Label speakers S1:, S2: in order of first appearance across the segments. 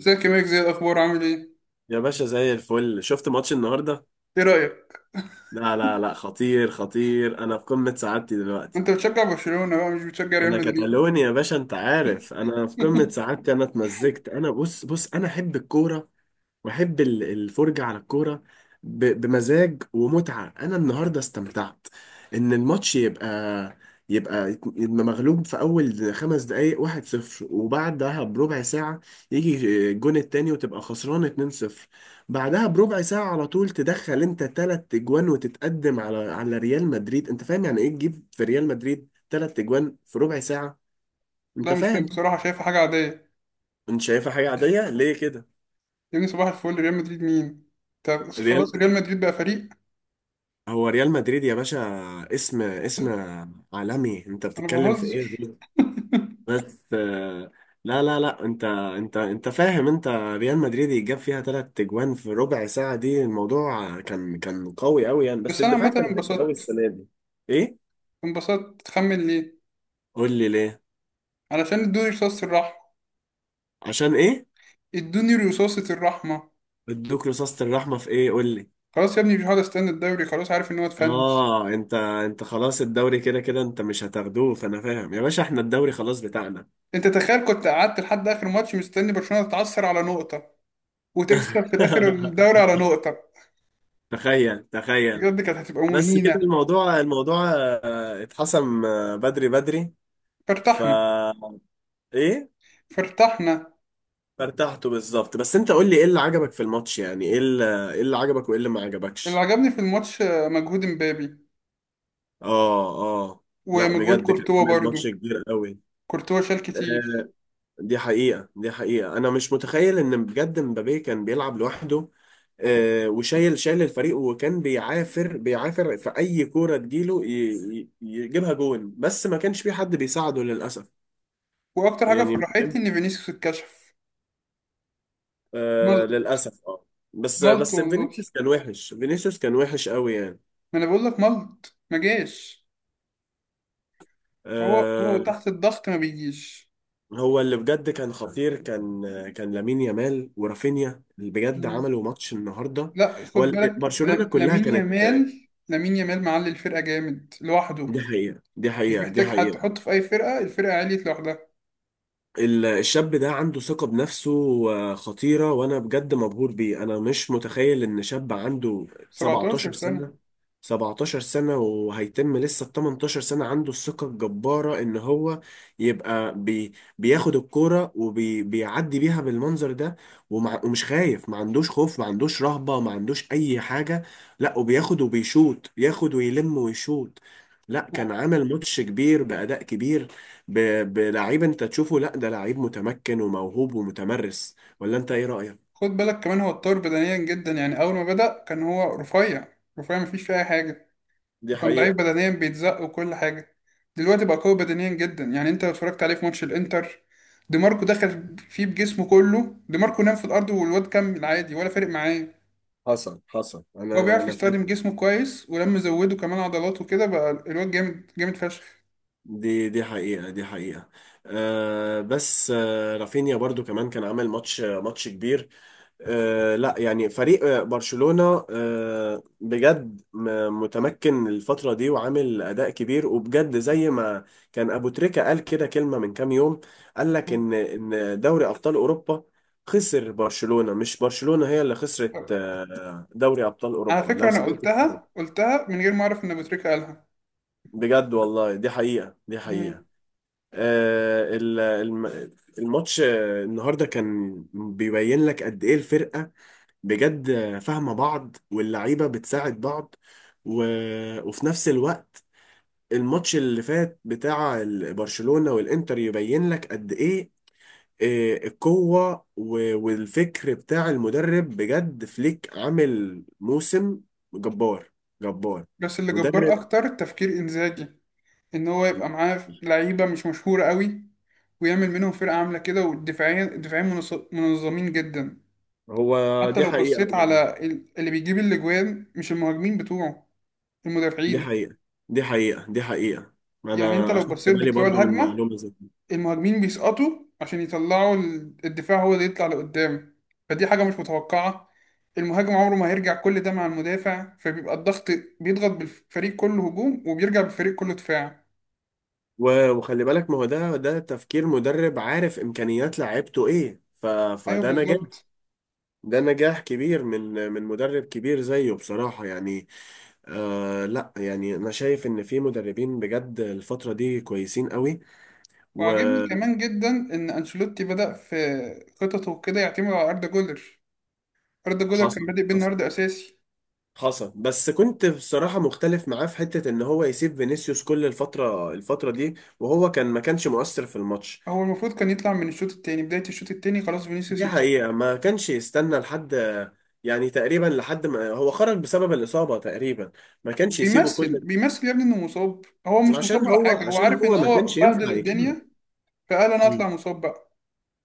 S1: ازيك يا ميك؟ زي الاخبار، عامل ايه؟
S2: يا باشا زي الفل، شفت ماتش النهارده؟
S1: ايه رايك؟
S2: لا لا لا، خطير خطير، انا في قمة سعادتي دلوقتي.
S1: انت بتشجع برشلونه بقى، مش بتشجع ريال
S2: انا
S1: مدريد؟
S2: كتالوني يا باشا، انت عارف انا في قمة سعادتي، انا اتمزجت، انا بص بص، انا احب الكورة. واحب الفرجة على الكورة. بمزاج ومتعة، انا النهاردة استمتعت. ان الماتش يبقى يبقى مغلوب في اول 5 دقايق، 1-0، وبعدها بربع ساعة يجي الجون التاني وتبقى خسران 2-0. بعدها بربع ساعة على طول تدخل انت 3 اجوان وتتقدم على ريال مدريد. انت فاهم يعني ايه تجيب في ريال مدريد 3 اجوان في ربع ساعة؟ انت
S1: لا مش فاهم
S2: فاهم؟
S1: بصراحه، شايفها حاجه عاديه.
S2: انت شايفها حاجة عادية ليه كده؟
S1: يا ابني صباح الفل، ريال مدريد مين؟ طب خلاص،
S2: ريال
S1: ريال مدريد بقى فريق.
S2: هو ريال مدريد يا باشا، اسم، اسم عالمي، انت
S1: انا
S2: بتتكلم في ايه
S1: بهزر.
S2: دول؟ بس لا لا لا، انت فاهم، انت ريال مدريد يجاب فيها 3 اجوان في ربع ساعة دي، الموضوع كان قوي قوي يعني، بس
S1: بس انا
S2: الدفاع
S1: عامه
S2: كان غريب قوي
S1: انبسطت.
S2: السنة دي. ايه؟
S1: انبسطت، تخمن ليه؟
S2: قول لي ليه.
S1: علشان ادوني رصاصه الرحمه.
S2: عشان ايه؟
S1: ادوني رصاصه الرحمه.
S2: ادوك رصاصة الرحمة في ايه قول لي.
S1: خلاص يا ابني، مش هقعد استنى الدوري، خلاص عارف ان هو اتفنش.
S2: اه، انت انت خلاص الدوري كده كده انت مش هتاخدوه، فانا فاهم يا باشا، احنا الدوري خلاص بتاعنا.
S1: انت تخيل كنت قعدت لحد اخر ماتش مستني برشلونه تتعثر على نقطه، وتكسب في الاخر الدوري على نقطه.
S2: تخيل، تخيل.
S1: بجد كانت هتبقى
S2: بس كده
S1: مهينه.
S2: الموضوع، الموضوع اتحسم بدري، بدري. ف
S1: فارتحنا.
S2: ايه؟
S1: فارتحنا.
S2: فارتحته بالظبط. بس انت قول لي ايه اللي عجبك في الماتش؟ يعني ايه اللي، ايه اللي عجبك وايه اللي ما
S1: اللي
S2: عجبكش؟
S1: عجبني في الماتش مجهود مبابي.
S2: اه، اه. لا
S1: ومجهود
S2: بجد كان
S1: كورتوا
S2: عامل
S1: برضو.
S2: ماتش كبير قوي.
S1: كورتوا شال كتير.
S2: آه، دي حقيقة، دي حقيقة، انا مش متخيل ان بجد مبابي كان بيلعب لوحده. وشايل، شايل الفريق، وكان بيعافر، بيعافر في اي كورة تجيله يجيبها جون، بس ما كانش في حد بيساعده للأسف.
S1: واكتر حاجه
S2: يعني،
S1: فرحتني ان فينيسيوس اتكشف
S2: آه،
S1: ملط.
S2: للأسف اه. بس
S1: ملط
S2: بس
S1: والله.
S2: فينيسيوس كان وحش، فينيسيوس كان وحش قوي يعني.
S1: ما انا بقول لك ملط، ما جاش. هو
S2: آه.
S1: تحت الضغط ما بيجيش.
S2: هو اللي بجد كان خطير، كان لامين يامال ورافينيا اللي بجد
S1: مم.
S2: عملوا ماتش النهارده.
S1: لا خد
S2: هو
S1: بالك،
S2: برشلونة كلها
S1: لامين
S2: كانت،
S1: يامال لامين يامال معلي الفرقه جامد لوحده.
S2: دي حقيقة، دي
S1: مش
S2: حقيقة، دي
S1: محتاج حد
S2: حقيقة.
S1: حطه في اي فرقه، الفرقه عليت لوحدها.
S2: الشاب ده عنده ثقة بنفسه خطيرة. وأنا بجد مبهور بيه، أنا مش متخيل إن شاب عنده
S1: 17
S2: 17
S1: سنه.
S2: سنة، 17 سنة وهيتم لسه ال 18 سنة، عنده الثقة الجبارة إن هو يبقى بياخد الكورة وبيعدي بيها بالمنظر ده. ومش خايف، ما عندوش خوف، ما عندوش رهبة، ما عندوش أي حاجة. لا، وبياخد وبيشوط، ياخد ويلم ويشوط. لا كان عمل ماتش كبير بأداء كبير. بلعيب انت تشوفه. لا ده لعيب متمكن وموهوب ومتمرس. ولا انت ايه رأيك؟
S1: خد بالك كمان هو اتطور بدنيا جدا، يعني أول ما بدأ كان هو رفيع. رفيع مفيش فيه أي حاجة.
S2: دي
S1: وكان ضعيف
S2: حقيقة.
S1: بدنيا، بيتزق وكل حاجة. دلوقتي بقى قوي بدنيا جدا، يعني أنت لو اتفرجت عليه في ماتش الإنتر. دي ماركو دخل فيه بجسمه كله، دي ماركو نام في الأرض والواد كمل عادي ولا فارق معاه.
S2: حصل، حصل.
S1: هو
S2: أنا
S1: بيعرف
S2: أنا فاكر.
S1: يستخدم جسمه كويس، ولما زوده كمان عضلات وكده بقى الواد جامد جامد فشخ.
S2: دي حقيقة، دي حقيقة. بس رافينيا برضو كمان كان عامل ماتش كبير. لا يعني فريق برشلونة بجد متمكن الفترة دي وعامل أداء كبير، وبجد زي ما كان أبو تريكة قال كده كلمة من كام يوم. قال لك إن دوري أبطال أوروبا خسر برشلونة، مش برشلونة هي اللي خسرت دوري أبطال
S1: على
S2: أوروبا،
S1: فكرة
S2: لو
S1: أنا
S2: سمعت
S1: قلتها،
S2: الكلمة.
S1: قلتها من غير ما أعرف إن أبو تريكة قالها.
S2: بجد والله، دي حقيقة، دي
S1: مم.
S2: حقيقة. آه، ال- الم- الماتش النهاردة كان بيبين لك قد إيه الفرقة بجد فاهمة بعض، واللعيبة بتساعد بعض. و... وفي نفس الوقت الماتش اللي فات بتاع برشلونة والإنتر يبين لك قد إيه القوة والفكر بتاع المدرب. بجد فليك عامل موسم جبار، جبار.
S1: بس اللي جبار
S2: مدرب
S1: أكتر تفكير إنزاجي، ان هو يبقى معاه لعيبه مش مشهوره قوي، ويعمل منهم فرقه عامله كده، والدفاعين الدفاعين منظمين جدا.
S2: هو
S1: حتى
S2: دي
S1: لو
S2: حقيقة
S1: بصيت
S2: برضه،
S1: على اللي بيجيب الاجوان، مش المهاجمين بتوعه،
S2: دي
S1: المدافعين.
S2: حقيقة، دي حقيقة، دي حقيقة.
S1: يعني انت
S2: أنا
S1: لو
S2: أخدت
S1: بصيت
S2: بالي
S1: بطلوع
S2: برضه من
S1: الهجمه،
S2: معلومة زي،
S1: المهاجمين بيسقطوا عشان يطلعوا، الدفاع هو اللي يطلع لقدام. فدي حاجه مش متوقعه. المهاجم عمره ما هيرجع كل ده مع المدافع، فبيبقى الضغط بيضغط بالفريق كله هجوم، وبيرجع بالفريق كله دفاع.
S2: وخلي بالك ما هو ده تفكير مدرب عارف امكانيات لعيبته ايه،
S1: ايوه
S2: فده نجاح،
S1: بالظبط.
S2: ده نجاح كبير من مدرب كبير زيه بصراحة يعني. لا يعني انا شايف ان في مدربين بجد الفترة دي كويسين قوي.
S1: وعاجبني
S2: وحصل،
S1: كمان جدا ان انشيلوتي بدأ في خططه كده يعتمد على اردا جولر. اردا جولر كان
S2: حصل،
S1: بادئ بالنهارده اساسي.
S2: حصل. بس كنت بصراحة مختلف معاه في حتة ان هو يسيب فينيسيوس كل الفترة دي وهو كان ما كانش مؤثر في الماتش.
S1: هو المفروض كان يطلع من الشوط التاني، بداية الشوط التاني خلاص فينيسيوس
S2: دي
S1: يتسحب.
S2: حقيقة، ما كانش يستنى لحد، يعني تقريبا لحد ما هو خرج بسبب الإصابة تقريبا، ما كانش يسيبه
S1: وبيمثل
S2: كل
S1: بيمثل يا ابني انه مصاب، هو مش مصاب على حاجة، هو
S2: عشان
S1: عارف ان
S2: هو ما
S1: هو
S2: كانش
S1: بهدل
S2: ينفع يكمل.
S1: الدنيا، فقال انا
S2: مم.
S1: اطلع مصاب بقى.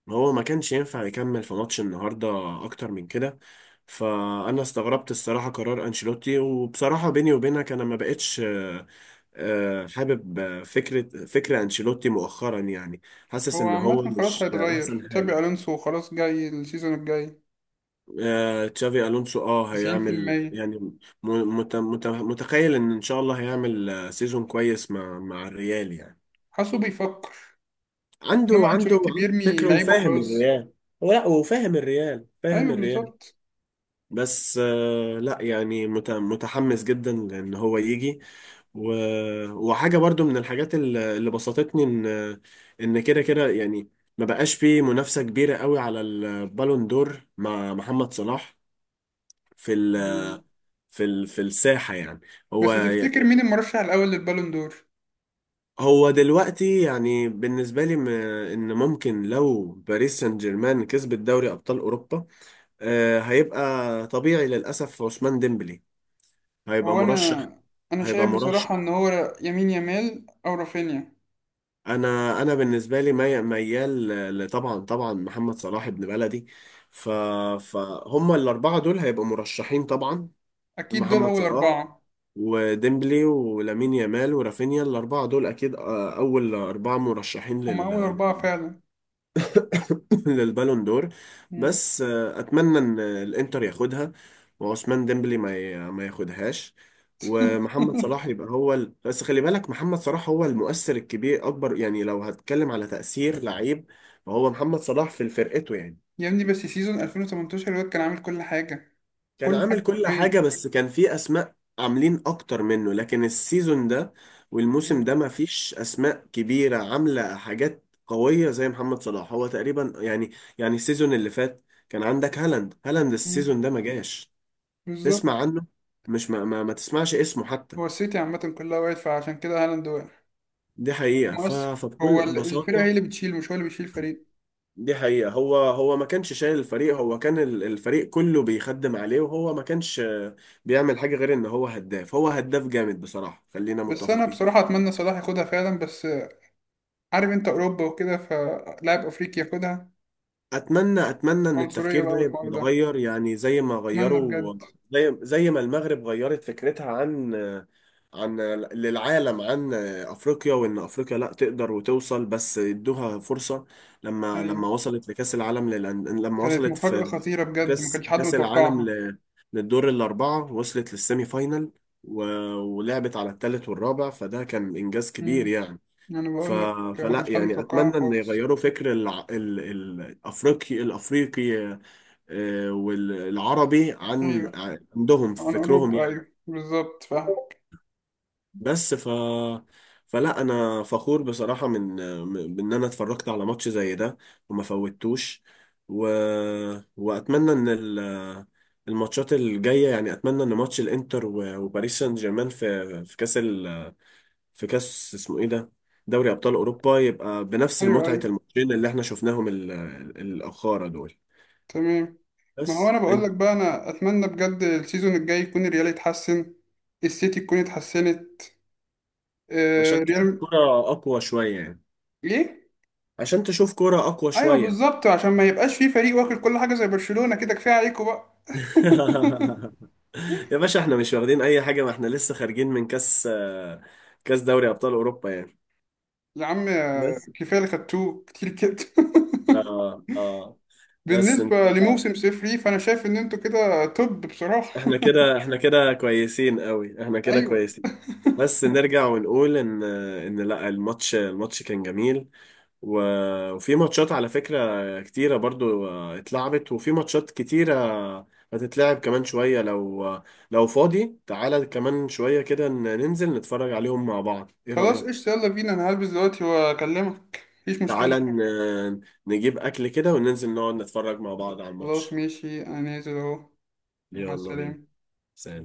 S2: هو ما كانش ينفع يكمل في ماتش النهاردة أكتر من كده. فأنا استغربت الصراحة قرار أنشيلوتي. وبصراحة بيني وبينك، أنا ما بقتش حابب فكرة أنشيلوتي مؤخرا يعني، حاسس
S1: هو
S2: إن هو
S1: عامة خلاص
S2: مش
S1: هيتغير،
S2: أحسن
S1: تشابي
S2: حاجة.
S1: الونسو خلاص جاي السيزون الجاي.
S2: تشافي الونسو اه هيعمل
S1: 90%.
S2: يعني، م- مت مت متخيل ان ان شاء الله هيعمل سيزون كويس مع الريال يعني.
S1: حاسه بيفكر. انما انشيلوتي
S2: عنده
S1: بيرمي
S2: فكره
S1: لعيبه
S2: وفاهم
S1: خلاص.
S2: الريال. هو لا، وفاهم الريال، فاهم
S1: ايوه
S2: الريال.
S1: بالظبط.
S2: بس لا يعني متحمس جدا ان هو يجي. و... وحاجة برضو من الحاجات اللي بسطتني ان، ان كده كده يعني ما بقاش فيه منافسة كبيرة قوي على البالون دور مع محمد صلاح في، في في الساحة يعني. هو
S1: بس تفتكر مين المرشح الأول للبالون دور؟
S2: هو دلوقتي يعني بالنسبة لي، ان ممكن لو باريس سان جيرمان كسبت دوري ابطال اوروبا هيبقى طبيعي للاسف عثمان ديمبلي هيبقى
S1: هو أنا
S2: مرشح،
S1: أنا
S2: هيبقى
S1: شايف
S2: مرشح.
S1: بصراحة إن هو يمين يامال أو رافينيا.
S2: انا بالنسبة لي ميال، طبعا طبعا محمد صلاح ابن بلدي. ف فهم الاربعة دول هيبقوا مرشحين طبعا.
S1: أكيد دول
S2: محمد
S1: أول
S2: صلاح
S1: أربعة.
S2: وديمبلي ولامين يامال ورافينيا، الأربعة دول أكيد أول أربعة مرشحين
S1: هما أول أربعة فعلا.
S2: للبالون دور.
S1: مم.
S2: بس أتمنى إن الإنتر ياخدها وعثمان ديمبلي ما ياخدهاش، ومحمد صلاح يبقى هو بس خلي بالك محمد صلاح هو المؤثر الكبير، أكبر يعني لو هتكلم على تأثير لعيب فهو محمد صلاح في فرقته يعني.
S1: يا ابني بس سيزون 2018 الواد كان عامل كل حاجة.
S2: كان
S1: كل حاجة
S2: عامل كل حاجة
S1: حرفيا.
S2: بس كان في أسماء عاملين أكتر منه، لكن السيزون ده والموسم
S1: مم.
S2: ده ما فيش أسماء كبيرة عاملة حاجات قوية زي محمد صلاح، هو تقريبا يعني، يعني السيزون اللي فات كان عندك هالاند،
S1: مم.
S2: السيزون ده ما جاش، تسمع
S1: بالظبط.
S2: عنه، مش ما تسمعش اسمه حتى.
S1: هو السيتي عامة كلها وقعت، فعشان كده هالاند وقع.
S2: دي حقيقة.
S1: مؤثر، هو
S2: فبكل
S1: الفرقة هي
S2: بساطة،
S1: اللي بتشيل، مش هو اللي بيشيل فريق.
S2: دي حقيقة، هو ما كانش شايل الفريق، هو كان الفريق كله بيخدم عليه، وهو ما كانش بيعمل حاجة غير ان هو هداف، هو هداف جامد بصراحة، خلينا
S1: بس أنا
S2: متفقين.
S1: بصراحة أتمنى صلاح ياخدها فعلا، بس عارف أنت أوروبا وكده، فلاعب أفريقي ياخدها.
S2: اتمنى ان
S1: عنصرية
S2: التفكير
S1: بقى
S2: ده يبقى
S1: والحوار ده.
S2: متغير، يعني زي ما
S1: اتمنى
S2: غيروا،
S1: بجد.
S2: زي ما المغرب غيرت فكرتها عن، عن، للعالم، عن افريقيا، وان افريقيا لا تقدر وتوصل بس ادوها فرصة. لما
S1: ايوه.
S2: لما وصلت لكأس العالم لما
S1: كانت
S2: وصلت
S1: مفاجأة
S2: في
S1: خطيرة بجد، ما
S2: كأس،
S1: كانش حد
S2: العالم
S1: متوقعها.
S2: للدور الأربعة، وصلت للسيمي فاينل، و... ولعبت على الثالث والرابع، فده كان إنجاز كبير
S1: امم.
S2: يعني.
S1: انا
S2: ف...
S1: بقول لك ما
S2: فلا
S1: كانش حد
S2: يعني
S1: متوقعها
S2: اتمنى ان
S1: خالص.
S2: يغيروا فكر الافريقي، والعربي عن
S1: ايوه.
S2: عندهم في
S1: عن
S2: فكرهم
S1: اوروبا،
S2: يعني.
S1: ايوه بالظبط فاهم.
S2: بس ف فلا انا فخور بصراحة من، من ان انا اتفرجت على ماتش زي ده وما فوتوش، و... واتمنى ان الماتشات الجاية. يعني اتمنى ان ماتش الانتر وباريس سان جيرمان في، في كاس في كاس اسمه ايه ده، دوري ابطال اوروبا، يبقى بنفس
S1: ايوه
S2: متعه
S1: ايوه.
S2: الماتشين اللي احنا شفناهم الاخاره دول.
S1: تمام. ما هو
S2: بس
S1: انا بقول
S2: انت
S1: لك بقى، انا اتمنى بجد السيزون الجاي يكون الريال يتحسن، السيتي تكون اتحسنت. آه
S2: عشان تشوف
S1: ريال.
S2: كرة اقوى شويه يعني،
S1: ليه؟
S2: عشان تشوف كرة اقوى
S1: ايوه
S2: شويه.
S1: بالظبط، عشان ما يبقاش في فريق واكل كل حاجة زي برشلونة كده، كفاية عليكم بقى.
S2: يا باشا احنا مش واخدين اي حاجه، ما احنا لسه خارجين من كاس كاس دوري ابطال اوروبا يعني.
S1: يا عم،
S2: بس
S1: كفاية اللي خدتوه كتير كده.
S2: اه، اه. بس انت
S1: بالنسبة لموسم صفر ليه، فأنا شايف إن أنتوا كده طب بصراحة.
S2: احنا كده، احنا كده كويسين قوي، احنا كده
S1: أيوه.
S2: كويسين. بس نرجع ونقول ان لا، الماتش كان جميل. وفي ماتشات على فكرة كتيرة برضو اتلعبت، وفي ماتشات كتيرة هتتلعب كمان شوية. لو لو فاضي تعالى كمان شوية كده، ننزل نتفرج عليهم مع بعض، ايه
S1: خلاص
S2: رأيك؟
S1: قشطة، يلا بينا، أنا هلبس دلوقتي وأكلمك، مفيش مشكلة.
S2: تعالى نجيب أكل كده وننزل نقعد نتفرج مع بعض على
S1: خلاص
S2: الماتش.
S1: ماشي، أنا نازل أهو. مع
S2: يلا بينا.
S1: السلامة.
S2: سلام.